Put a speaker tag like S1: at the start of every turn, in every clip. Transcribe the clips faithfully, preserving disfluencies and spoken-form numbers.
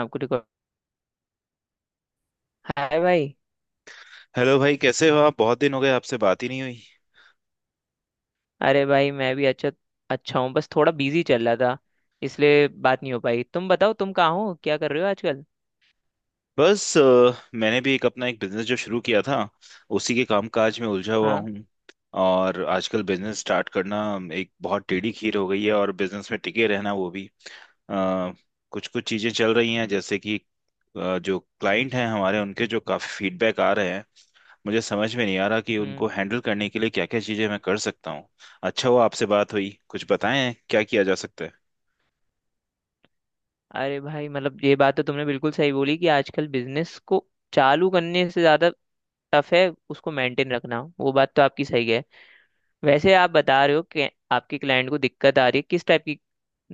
S1: आपको record. Hi, भाई।
S2: Hello भाई, कैसे हो आप? बहुत दिन हो गए, आपसे बात ही नहीं हुई।
S1: अरे भाई, मैं भी अच्छा। अच्छा हूँ, बस थोड़ा बिजी चल रहा था, इसलिए बात नहीं हो पाई। तुम बताओ, तुम कहाँ हो, क्या कर रहे हो आजकल?
S2: बस अ, मैंने भी एक अपना एक बिजनेस जो शुरू किया था, उसी के कामकाज में उलझा हुआ
S1: हाँ।
S2: हूँ। और आजकल बिजनेस स्टार्ट करना एक बहुत टेढ़ी खीर हो गई है, और बिजनेस में टिके रहना वो भी। कुछ कुछ चीजें चल रही हैं, जैसे कि अ, जो क्लाइंट हैं हमारे, उनके जो काफी फीडबैक आ रहे हैं, मुझे समझ में नहीं आ रहा कि
S1: हम्म।
S2: उनको हैंडल करने के लिए क्या क्या चीजें मैं कर सकता हूँ। अच्छा हुआ आपसे बात हुई, कुछ बताएं क्या किया जा सकता है।
S1: अरे भाई, मतलब ये बात तो तुमने बिल्कुल सही बोली कि आजकल बिजनेस को चालू करने से ज्यादा टफ है उसको मेंटेन रखना, वो बात तो आपकी सही है। वैसे आप बता रहे हो कि आपके क्लाइंट को दिक्कत आ रही है, किस टाइप की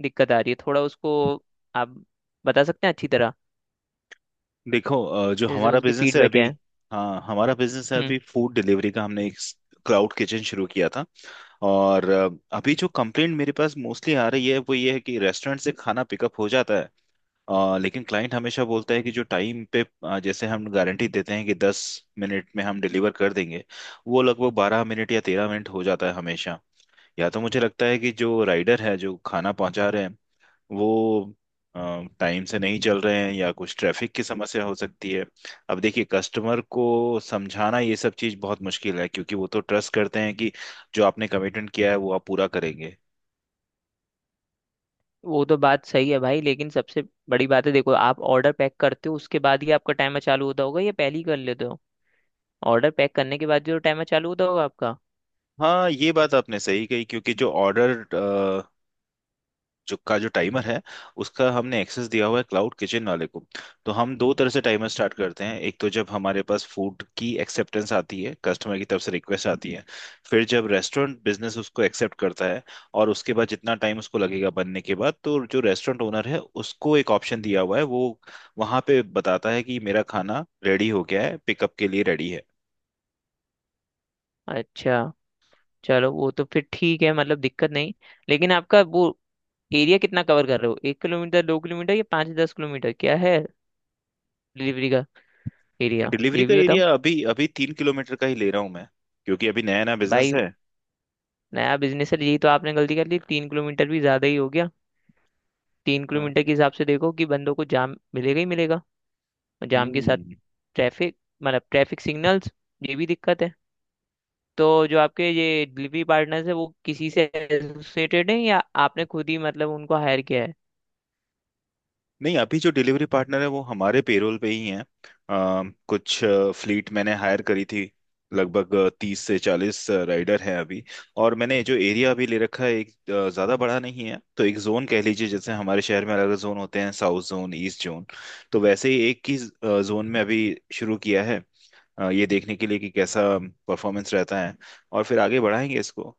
S1: दिक्कत आ रही है, थोड़ा उसको आप बता सकते हैं अच्छी तरह,
S2: देखो, अ, जो
S1: जैसे
S2: हमारा
S1: उसकी
S2: बिजनेस है
S1: फीडबैक
S2: अभी,
S1: है?
S2: हाँ, हमारा बिजनेस है अभी फूड डिलीवरी का। हमने एक क्लाउड किचन शुरू किया था। और अ, अभी जो कंप्लेंट मेरे पास मोस्टली आ रही है वो ये है कि रेस्टोरेंट से खाना पिकअप हो जाता है, अ, लेकिन क्लाइंट हमेशा बोलता है कि जो टाइम पे, अ, जैसे हम गारंटी देते हैं कि दस मिनट में हम डिलीवर कर देंगे, वो लगभग बारह मिनट या तेरह मिनट हो जाता है हमेशा। या तो मुझे लगता है कि जो राइडर है जो खाना पहुंचा रहे हैं, वो टाइम से नहीं चल रहे हैं, या कुछ ट्रैफिक की समस्या हो सकती है। अब देखिए, कस्टमर को समझाना ये सब चीज़ बहुत मुश्किल है, क्योंकि वो तो ट्रस्ट करते हैं कि जो आपने कमिटमेंट किया है वो आप पूरा करेंगे।
S1: वो तो बात सही है भाई, लेकिन सबसे बड़ी बात है, देखो आप ऑर्डर पैक करते हो उसके बाद ही आपका टाइमर चालू होता होगा या पहले ही कर लेते हो? ऑर्डर पैक करने के बाद जो टाइमर चालू होता होगा आपका।
S2: हाँ, ये बात आपने सही कही, क्योंकि जो ऑर्डर जो का जो टाइमर है, उसका हमने एक्सेस दिया हुआ है क्लाउड किचन वाले को। तो हम दो तरह से टाइमर स्टार्ट करते हैं। एक तो जब हमारे पास फूड की एक्सेप्टेंस आती है, कस्टमर की तरफ से रिक्वेस्ट आती है, फिर जब रेस्टोरेंट बिजनेस उसको एक्सेप्ट करता है, और उसके बाद जितना टाइम उसको लगेगा बनने के बाद, तो जो रेस्टोरेंट ओनर है उसको एक ऑप्शन दिया हुआ है, वो वहां पे बताता है कि मेरा खाना रेडी हो गया है, पिकअप के लिए रेडी है।
S1: अच्छा। चलो, वो तो फिर ठीक है, मतलब दिक्कत नहीं। लेकिन आपका वो एरिया कितना कवर कर रहे हो, एक किलोमीटर, दो किलोमीटर या पाँच दस किलोमीटर, क्या है डिलीवरी का एरिया,
S2: डिलीवरी
S1: ये
S2: का
S1: भी बताओ।
S2: एरिया अभी अभी तीन किलोमीटर का ही ले रहा हूँ मैं, क्योंकि अभी नया नया बिजनेस
S1: भाई,
S2: है।
S1: नया बिजनेस है, यही तो आपने गलती कर ली। तीन किलोमीटर भी ज्यादा ही हो गया। तीन
S2: हाँ।
S1: किलोमीटर के हिसाब से देखो कि बंदों को जाम मिलेगा ही मिलेगा। और जाम के साथ
S2: हम्म।
S1: ट्रैफिक, मतलब ट्रैफिक सिग्नल्स, ये भी दिक्कत है। तो जो आपके ये डिलीवरी पार्टनर्स है वो किसी से एसोसिएटेड है, या आपने खुद ही मतलब उनको हायर किया है?
S2: नहीं, अभी जो डिलीवरी पार्टनर है वो हमारे पेरोल पे ही हैं। अ, कुछ फ्लीट मैंने हायर करी थी, लगभग तीस से चालीस राइडर हैं अभी। और मैंने जो एरिया अभी ले रखा है, एक अ, ज्यादा बड़ा नहीं है, तो एक जोन कह लीजिए। जैसे हमारे शहर में अलग अलग जोन होते हैं, साउथ जोन, ईस्ट जोन, तो वैसे ही एक ही जोन में अभी शुरू किया है, अ, ये देखने के लिए कि कैसा परफॉर्मेंस रहता है, और फिर आगे बढ़ाएंगे इसको।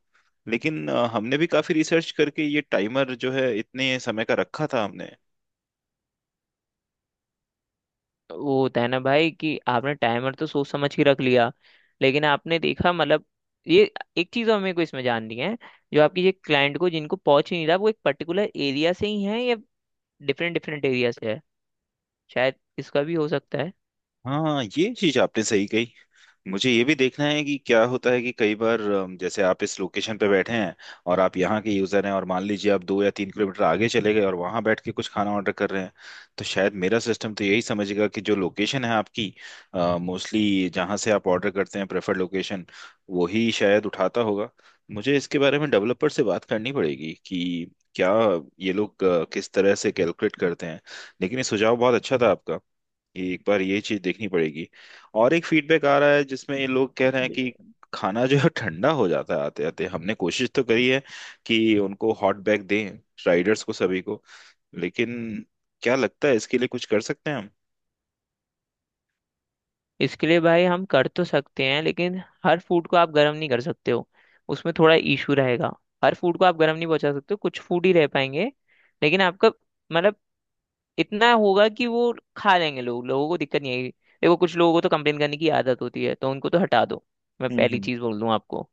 S2: लेकिन अ, हमने भी काफी रिसर्च करके ये टाइमर जो है इतने समय का रखा था हमने।
S1: वो होता है ना भाई कि आपने टाइमर तो सोच समझ के रख लिया, लेकिन आपने देखा, मतलब ये एक चीज हमें को इसमें जाननी है, जो आपकी ये क्लाइंट को जिनको पहुंच ही नहीं रहा, वो एक पर्टिकुलर एरिया से ही है या डिफरेंट डिफरेंट एरिया से है, शायद इसका भी हो सकता है।
S2: हाँ, ये चीज आपने सही कही। मुझे ये भी देखना है कि क्या होता है कि कई बार अम, जैसे आप इस लोकेशन पे बैठे हैं और आप यहाँ के यूजर हैं, और मान लीजिए आप दो या तीन किलोमीटर आगे चले गए और वहां बैठ के कुछ खाना ऑर्डर कर रहे हैं, तो शायद मेरा सिस्टम तो यही समझेगा कि जो लोकेशन है आपकी, मोस्टली जहाँ से आप ऑर्डर करते हैं, प्रेफर्ड लोकेशन, वही शायद उठाता होगा। मुझे इसके बारे में डेवलपर से बात करनी पड़ेगी कि क्या ये लोग अ, किस तरह से कैलकुलेट करते हैं। लेकिन ये सुझाव बहुत अच्छा था आपका, एक बार ये चीज देखनी पड़ेगी। और एक फीडबैक आ रहा है जिसमें ये लोग कह रहे हैं कि खाना जो है ठंडा हो जाता है आते आते। हमने कोशिश तो करी है कि उनको हॉट बैग दें, राइडर्स को सभी को, लेकिन क्या लगता है, इसके लिए कुछ कर सकते हैं हम?
S1: इसके लिए भाई हम कर तो सकते हैं, लेकिन हर फूड को आप गर्म नहीं कर सकते हो, उसमें थोड़ा इशू रहेगा। हर फूड को आप गर्म नहीं पहुंचा सकते हो, कुछ फूड ही रह पाएंगे। लेकिन आपका, मतलब, इतना होगा कि वो खा लेंगे लोग, लोगों को दिक्कत नहीं आएगी। देखो कुछ लोगों को तो कंप्लेन करने की आदत होती है, तो उनको तो हटा दो, मैं
S2: हम्म
S1: पहली
S2: हम्म।
S1: चीज़ बोल दूं आपको।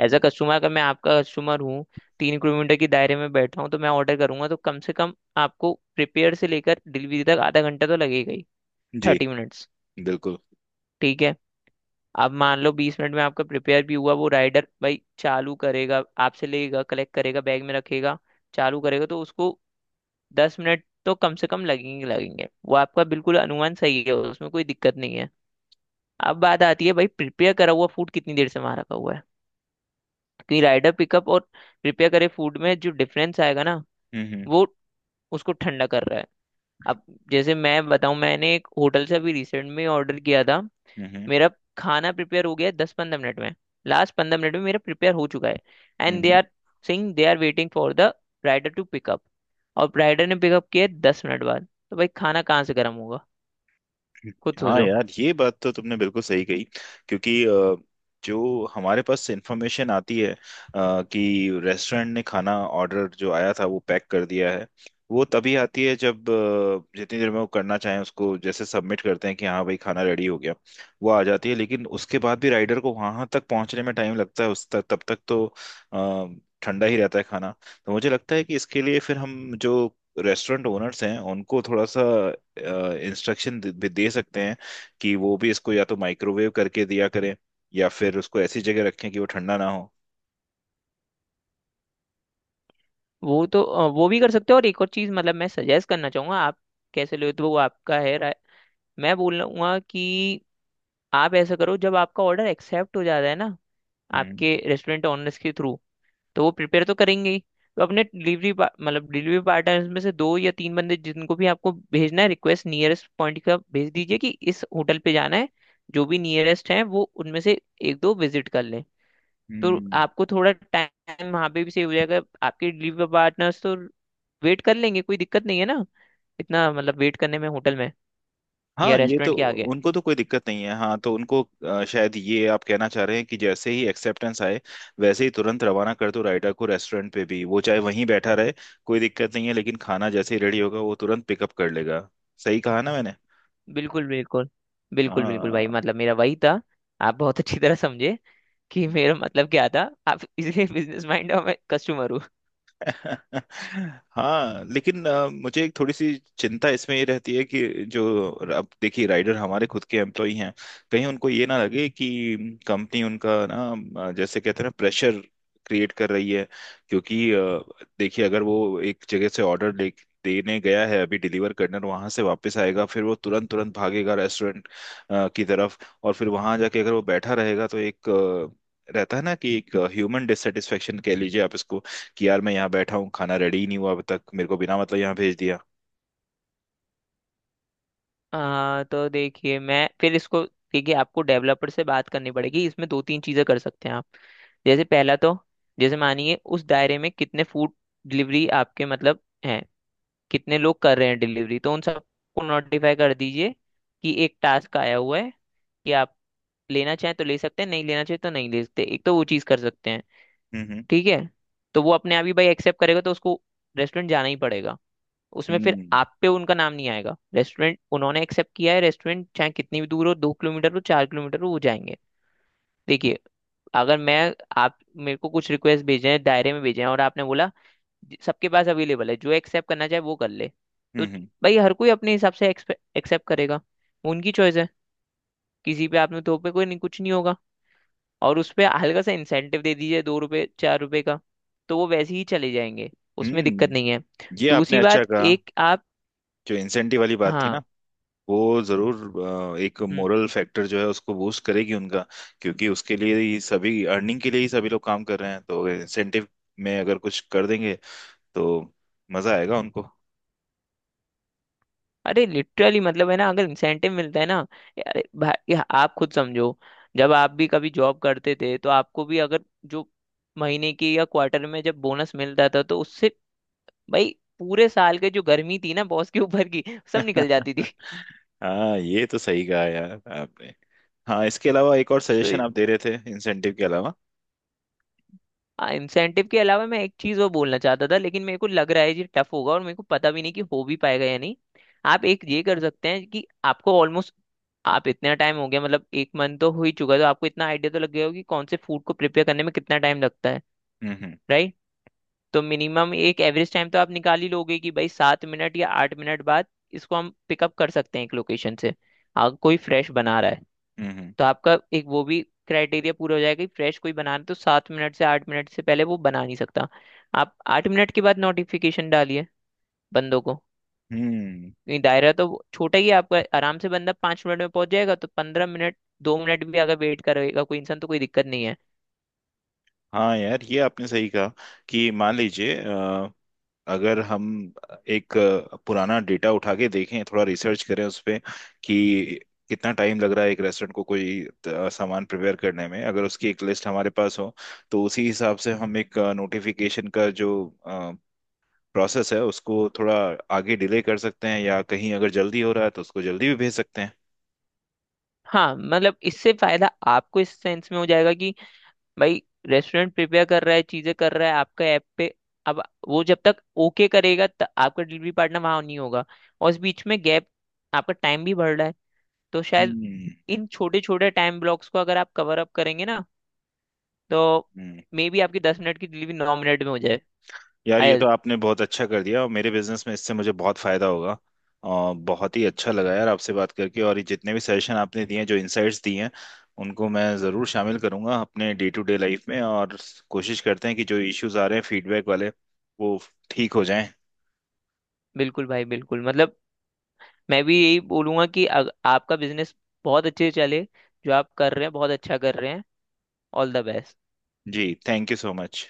S1: एज अ कस्टमर, अगर मैं आपका कस्टमर हूँ, तीन किलोमीटर के दायरे में बैठा हूँ, तो मैं ऑर्डर करूंगा तो कम से कम आपको प्रिपेयर से लेकर डिलीवरी तक आधा घंटा तो लगेगा ही।
S2: जी।
S1: Thirty minutes.
S2: बिल्कुल।
S1: ठीक है। अब मान लो बीस मिनट में आपका प्रिपेयर भी हुआ, वो राइडर भाई चालू करेगा, आपसे लेगा, कलेक्ट करेगा, बैग में रखेगा, चालू करेगा, तो उसको दस मिनट तो कम से कम लगेंगे, लगेंगे। वो आपका बिल्कुल अनुमान सही है, उसमें कोई दिक्कत नहीं है। अब बात आती है भाई, प्रिपेयर करा हुआ फूड कितनी देर से वहां रखा हुआ है, क्योंकि राइडर पिकअप और प्रिपेयर करे फूड में जो डिफरेंस आएगा ना,
S2: हम्म हम्म।
S1: वो उसको ठंडा कर रहा है। अब जैसे मैं बताऊं, मैंने एक होटल से अभी रिसेंट में ऑर्डर किया था।
S2: हम्म हम्म।
S1: मेरा खाना प्रिपेयर हो गया है दस पंद्रह मिनट में, लास्ट पंद्रह मिनट में मेरा प्रिपेयर हो चुका है। And they
S2: hmm.
S1: Are, sing they are waiting for the rider to pick up. और राइडर ने पिकअप किया है दस मिनट बाद, तो भाई खाना कहाँ से गर्म होगा? खुद
S2: हाँ
S1: सोचो।
S2: यार, ये बात तो तुमने बिल्कुल सही कही। क्योंकि अ, जो हमारे पास इंफॉर्मेशन आती है अ, कि रेस्टोरेंट ने खाना, ऑर्डर जो आया था वो पैक कर दिया है, वो तभी आती है जब अ, जितनी देर में वो करना चाहें उसको जैसे सबमिट करते हैं कि हाँ भाई खाना रेडी हो गया, वो आ जाती है। लेकिन उसके बाद भी राइडर को वहां तक पहुंचने में टाइम लगता है, उस तक तब तक तो अ, ठंडा ही रहता है खाना। तो मुझे लगता है कि इसके लिए फिर हम जो रेस्टोरेंट ओनर्स हैं उनको थोड़ा सा इंस्ट्रक्शन भी दे सकते हैं कि वो भी इसको या तो माइक्रोवेव करके दिया करें, या फिर उसको ऐसी जगह रखें कि वो ठंडा ना हो।
S1: वो तो अ, वो भी कर सकते हो, और एक और चीज़, मतलब मैं सजेस्ट करना चाहूंगा, आप कैसे ले तो वो आपका है राय, मैं बोल लूंगा कि आप ऐसा करो, जब आपका ऑर्डर एक्सेप्ट हो जाता है ना
S2: हम्म
S1: आपके रेस्टोरेंट ओनर्स के थ्रू, तो वो प्रिपेयर तो करेंगे ही, तो अपने डिलीवरी मतलब डिलीवरी पार्टनर्स में से दो या तीन बंदे जिनको भी आपको भेजना है रिक्वेस्ट नियरेस्ट पॉइंट का भेज दीजिए कि इस होटल पे जाना है, जो भी नियरेस्ट है वो उनमें से एक दो विजिट कर लें। तो
S2: हम्म।
S1: आपको थोड़ा टाइम वहाँ पे भी सेव हो जाएगा, आपके डिलीवरी पार्टनर्स तो वेट कर लेंगे, कोई दिक्कत नहीं है ना इतना, मतलब वेट करने में होटल में या
S2: हाँ, ये तो,
S1: रेस्टोरेंट के आगे।
S2: उनको तो कोई दिक्कत नहीं है। हाँ, तो उनको अ, शायद ये आप कहना चाह रहे हैं कि जैसे ही एक्सेप्टेंस आए, वैसे ही तुरंत रवाना कर दो राइडर को रेस्टोरेंट पे भी, वो चाहे वहीं बैठा रहे, कोई दिक्कत नहीं है, लेकिन खाना जैसे ही रेडी होगा वो तुरंत पिकअप कर लेगा। सही कहा ना मैंने?
S1: बिल्कुल बिल्कुल। बिल्कुल बिल्कुल भाई,
S2: हाँ।
S1: मतलब मेरा वही था। आप बहुत अच्छी तरह समझे कि मेरा मतलब क्या था। आप इसलिए बिजनेस माइंड और मैं कस्टमर हूँ।
S2: हाँ लेकिन अ, मुझे एक थोड़ी सी चिंता इसमें ये रहती है कि जो, अब देखिए, राइडर हमारे खुद के एम्प्लॉय हैं, कहीं उनको ये ना लगे कि कंपनी उनका ना, अ, जैसे कहते हैं ना, प्रेशर क्रिएट कर रही है। क्योंकि अ, देखिए, अगर वो एक जगह से ऑर्डर ले देने गया है अभी डिलीवर करने, वहां से वापस आएगा, फिर वो तुरंत तुरंत भागेगा रेस्टोरेंट की तरफ, और फिर वहां जाके अगर वो बैठा रहेगा, तो एक अ, रहता है ना कि एक ह्यूमन डिससेटिस्फेक्शन कह लीजिए आप इसको, कि यार मैं यहाँ बैठा हूँ, खाना रेडी ही नहीं हुआ अभी तक, मेरे को बिना मतलब यहाँ भेज दिया।
S1: आ, तो देखिए, मैं फिर इसको देखिए आपको डेवलपर से बात करनी पड़ेगी। इसमें दो तीन चीज़ें कर सकते हैं आप। जैसे पहला तो, जैसे मानिए उस दायरे में कितने फूड डिलीवरी आपके मतलब हैं, कितने लोग कर रहे हैं डिलीवरी, तो उन सबको नोटिफाई कर दीजिए कि एक टास्क आया हुआ है, कि आप लेना चाहें तो ले सकते हैं, नहीं लेना चाहें तो नहीं ले सकते, एक तो वो चीज़ कर सकते हैं।
S2: हम्म
S1: ठीक है? तो वो अपने आप ही भाई एक्सेप्ट करेगा तो उसको रेस्टोरेंट जाना ही पड़ेगा, उसमें फिर
S2: हम्म।
S1: आप पे उनका नाम नहीं आएगा, रेस्टोरेंट उन्होंने एक्सेप्ट किया है, रेस्टोरेंट चाहे कितनी भी दूर हो, दो किलोमीटर हो, चार किलोमीटर हो, वो जाएंगे। देखिए, अगर मैं, आप मेरे को कुछ रिक्वेस्ट भेजे हैं दायरे में भेजे हैं और आपने बोला, "जी, सबके पास अवेलेबल है, जो एक्सेप्ट करना चाहे वो कर ले",
S2: हम्म
S1: तो
S2: हम्म।
S1: भाई हर कोई अपने हिसाब से एक्सेप्ट करेगा, वो उनकी चॉइस है। किसी पे आपने तो पे कोई नहीं कुछ नहीं होगा। और उस पे हल्का सा इंसेंटिव दे दीजिए, दो रुपये चार रुपये का, तो वो वैसे ही चले जाएंगे, उसमें दिक्कत
S2: हम्म।
S1: नहीं है।
S2: ये आपने
S1: दूसरी
S2: अच्छा
S1: बात,
S2: कहा।
S1: एक आप।
S2: जो इंसेंटिव वाली बात थी
S1: हाँ।
S2: ना, वो जरूर अ, एक
S1: हम्म।
S2: मोरल फैक्टर जो है उसको बूस्ट करेगी उनका। क्योंकि उसके लिए ही, सभी अर्निंग के लिए ही सभी लोग काम कर रहे हैं, तो इंसेंटिव में अगर कुछ कर देंगे तो मजा आएगा उनको।
S1: अरे लिटरली, मतलब है ना अगर इंसेंटिव मिलता है ना, यार भाई आप खुद समझो, जब आप भी कभी जॉब करते थे तो आपको भी अगर जो महीने की या क्वार्टर में जब बोनस मिलता था, तो उससे भाई पूरे साल के जो गर्मी थी ना बॉस के ऊपर की, सब निकल जाती थी।
S2: हाँ ये तो सही कहा यार आपने। हाँ, इसके अलावा एक और
S1: तो
S2: सजेशन आप दे रहे थे इंसेंटिव के अलावा?
S1: इंसेंटिव के अलावा मैं एक चीज और बोलना चाहता था, लेकिन मेरे को लग रहा है ये टफ होगा, और मेरे को पता भी नहीं कि हो भी पाएगा या नहीं। आप एक ये कर सकते हैं कि आपको ऑलमोस्ट, आप इतना टाइम हो गया, मतलब एक मंथ तो हो ही चुका है, तो आपको इतना आइडिया तो लग गया होगा कि कौन से फूड को प्रिपेयर करने में कितना टाइम लगता है,
S2: हम्म हम्म।
S1: राइट? तो मिनिमम एक एवरेज टाइम तो आप निकाल ही लोगे कि भाई सात मिनट या आठ मिनट बाद इसको हम पिकअप कर सकते हैं एक लोकेशन से, अगर कोई फ्रेश बना रहा है।
S2: हम्म
S1: तो आपका एक वो भी क्राइटेरिया पूरा हो जाएगा कि फ्रेश कोई बनाना तो सात मिनट से आठ मिनट से पहले वो बना नहीं सकता। आप आठ मिनट के बाद नोटिफिकेशन डालिए बंदों को,
S2: हम्म।
S1: क्योंकि दायरा तो वो छोटा ही है आपका, आराम से बंदा पाँच मिनट में पहुंच जाएगा, तो पंद्रह मिनट, दो मिनट भी अगर वेट करेगा कोई इंसान, तो कोई दिक्कत नहीं है।
S2: हाँ यार ये आपने सही कहा। कि मान लीजिए, अ, अगर हम एक अ, पुराना डेटा उठा के देखें, थोड़ा रिसर्च करें उस पे, कि कितना टाइम लग रहा है एक रेस्टोरेंट को कोई अ, सामान प्रिपेयर करने में, अगर उसकी एक लिस्ट हमारे पास हो, तो उसी हिसाब से हम एक नोटिफिकेशन का जो प्रोसेस है उसको थोड़ा आगे डिले कर सकते हैं, या कहीं अगर जल्दी हो रहा है तो उसको जल्दी भी भेज सकते हैं।
S1: हाँ, मतलब इससे फायदा आपको इस सेंस में हो जाएगा कि भाई रेस्टोरेंट प्रिपेयर कर रहा है, चीजें कर रहा है आपका ऐप पे, अब वो जब तक ओके करेगा तब आपका डिलीवरी पार्टनर वहां नहीं होगा, और इस बीच में गैप, आपका टाइम भी बढ़ रहा है, तो शायद इन छोटे छोटे टाइम ब्लॉक्स को अगर आप कवर अप करेंगे ना, तो
S2: हम्म।
S1: मे बी आपकी दस मिनट की डिलीवरी नौ मिनट में हो जाए।
S2: यार ये
S1: आई,
S2: तो आपने बहुत अच्छा कर दिया, और मेरे बिजनेस में इससे मुझे बहुत फायदा होगा। और बहुत ही अच्छा लगा यार आपसे बात करके, और ये जितने भी सजेशन आपने दिए हैं, जो इनसाइट्स दिए हैं, उनको मैं ज़रूर शामिल करूंगा अपने डे टू डे लाइफ में, और कोशिश करते हैं कि जो इश्यूज आ रहे हैं फीडबैक वाले, वो ठीक हो जाएं।
S1: बिल्कुल भाई बिल्कुल, मतलब मैं भी यही बोलूंगा कि अग, आपका बिजनेस बहुत अच्छे से चले, जो आप कर रहे हैं बहुत अच्छा कर रहे हैं, ऑल द बेस्ट।
S2: जी, थैंक यू सो मच।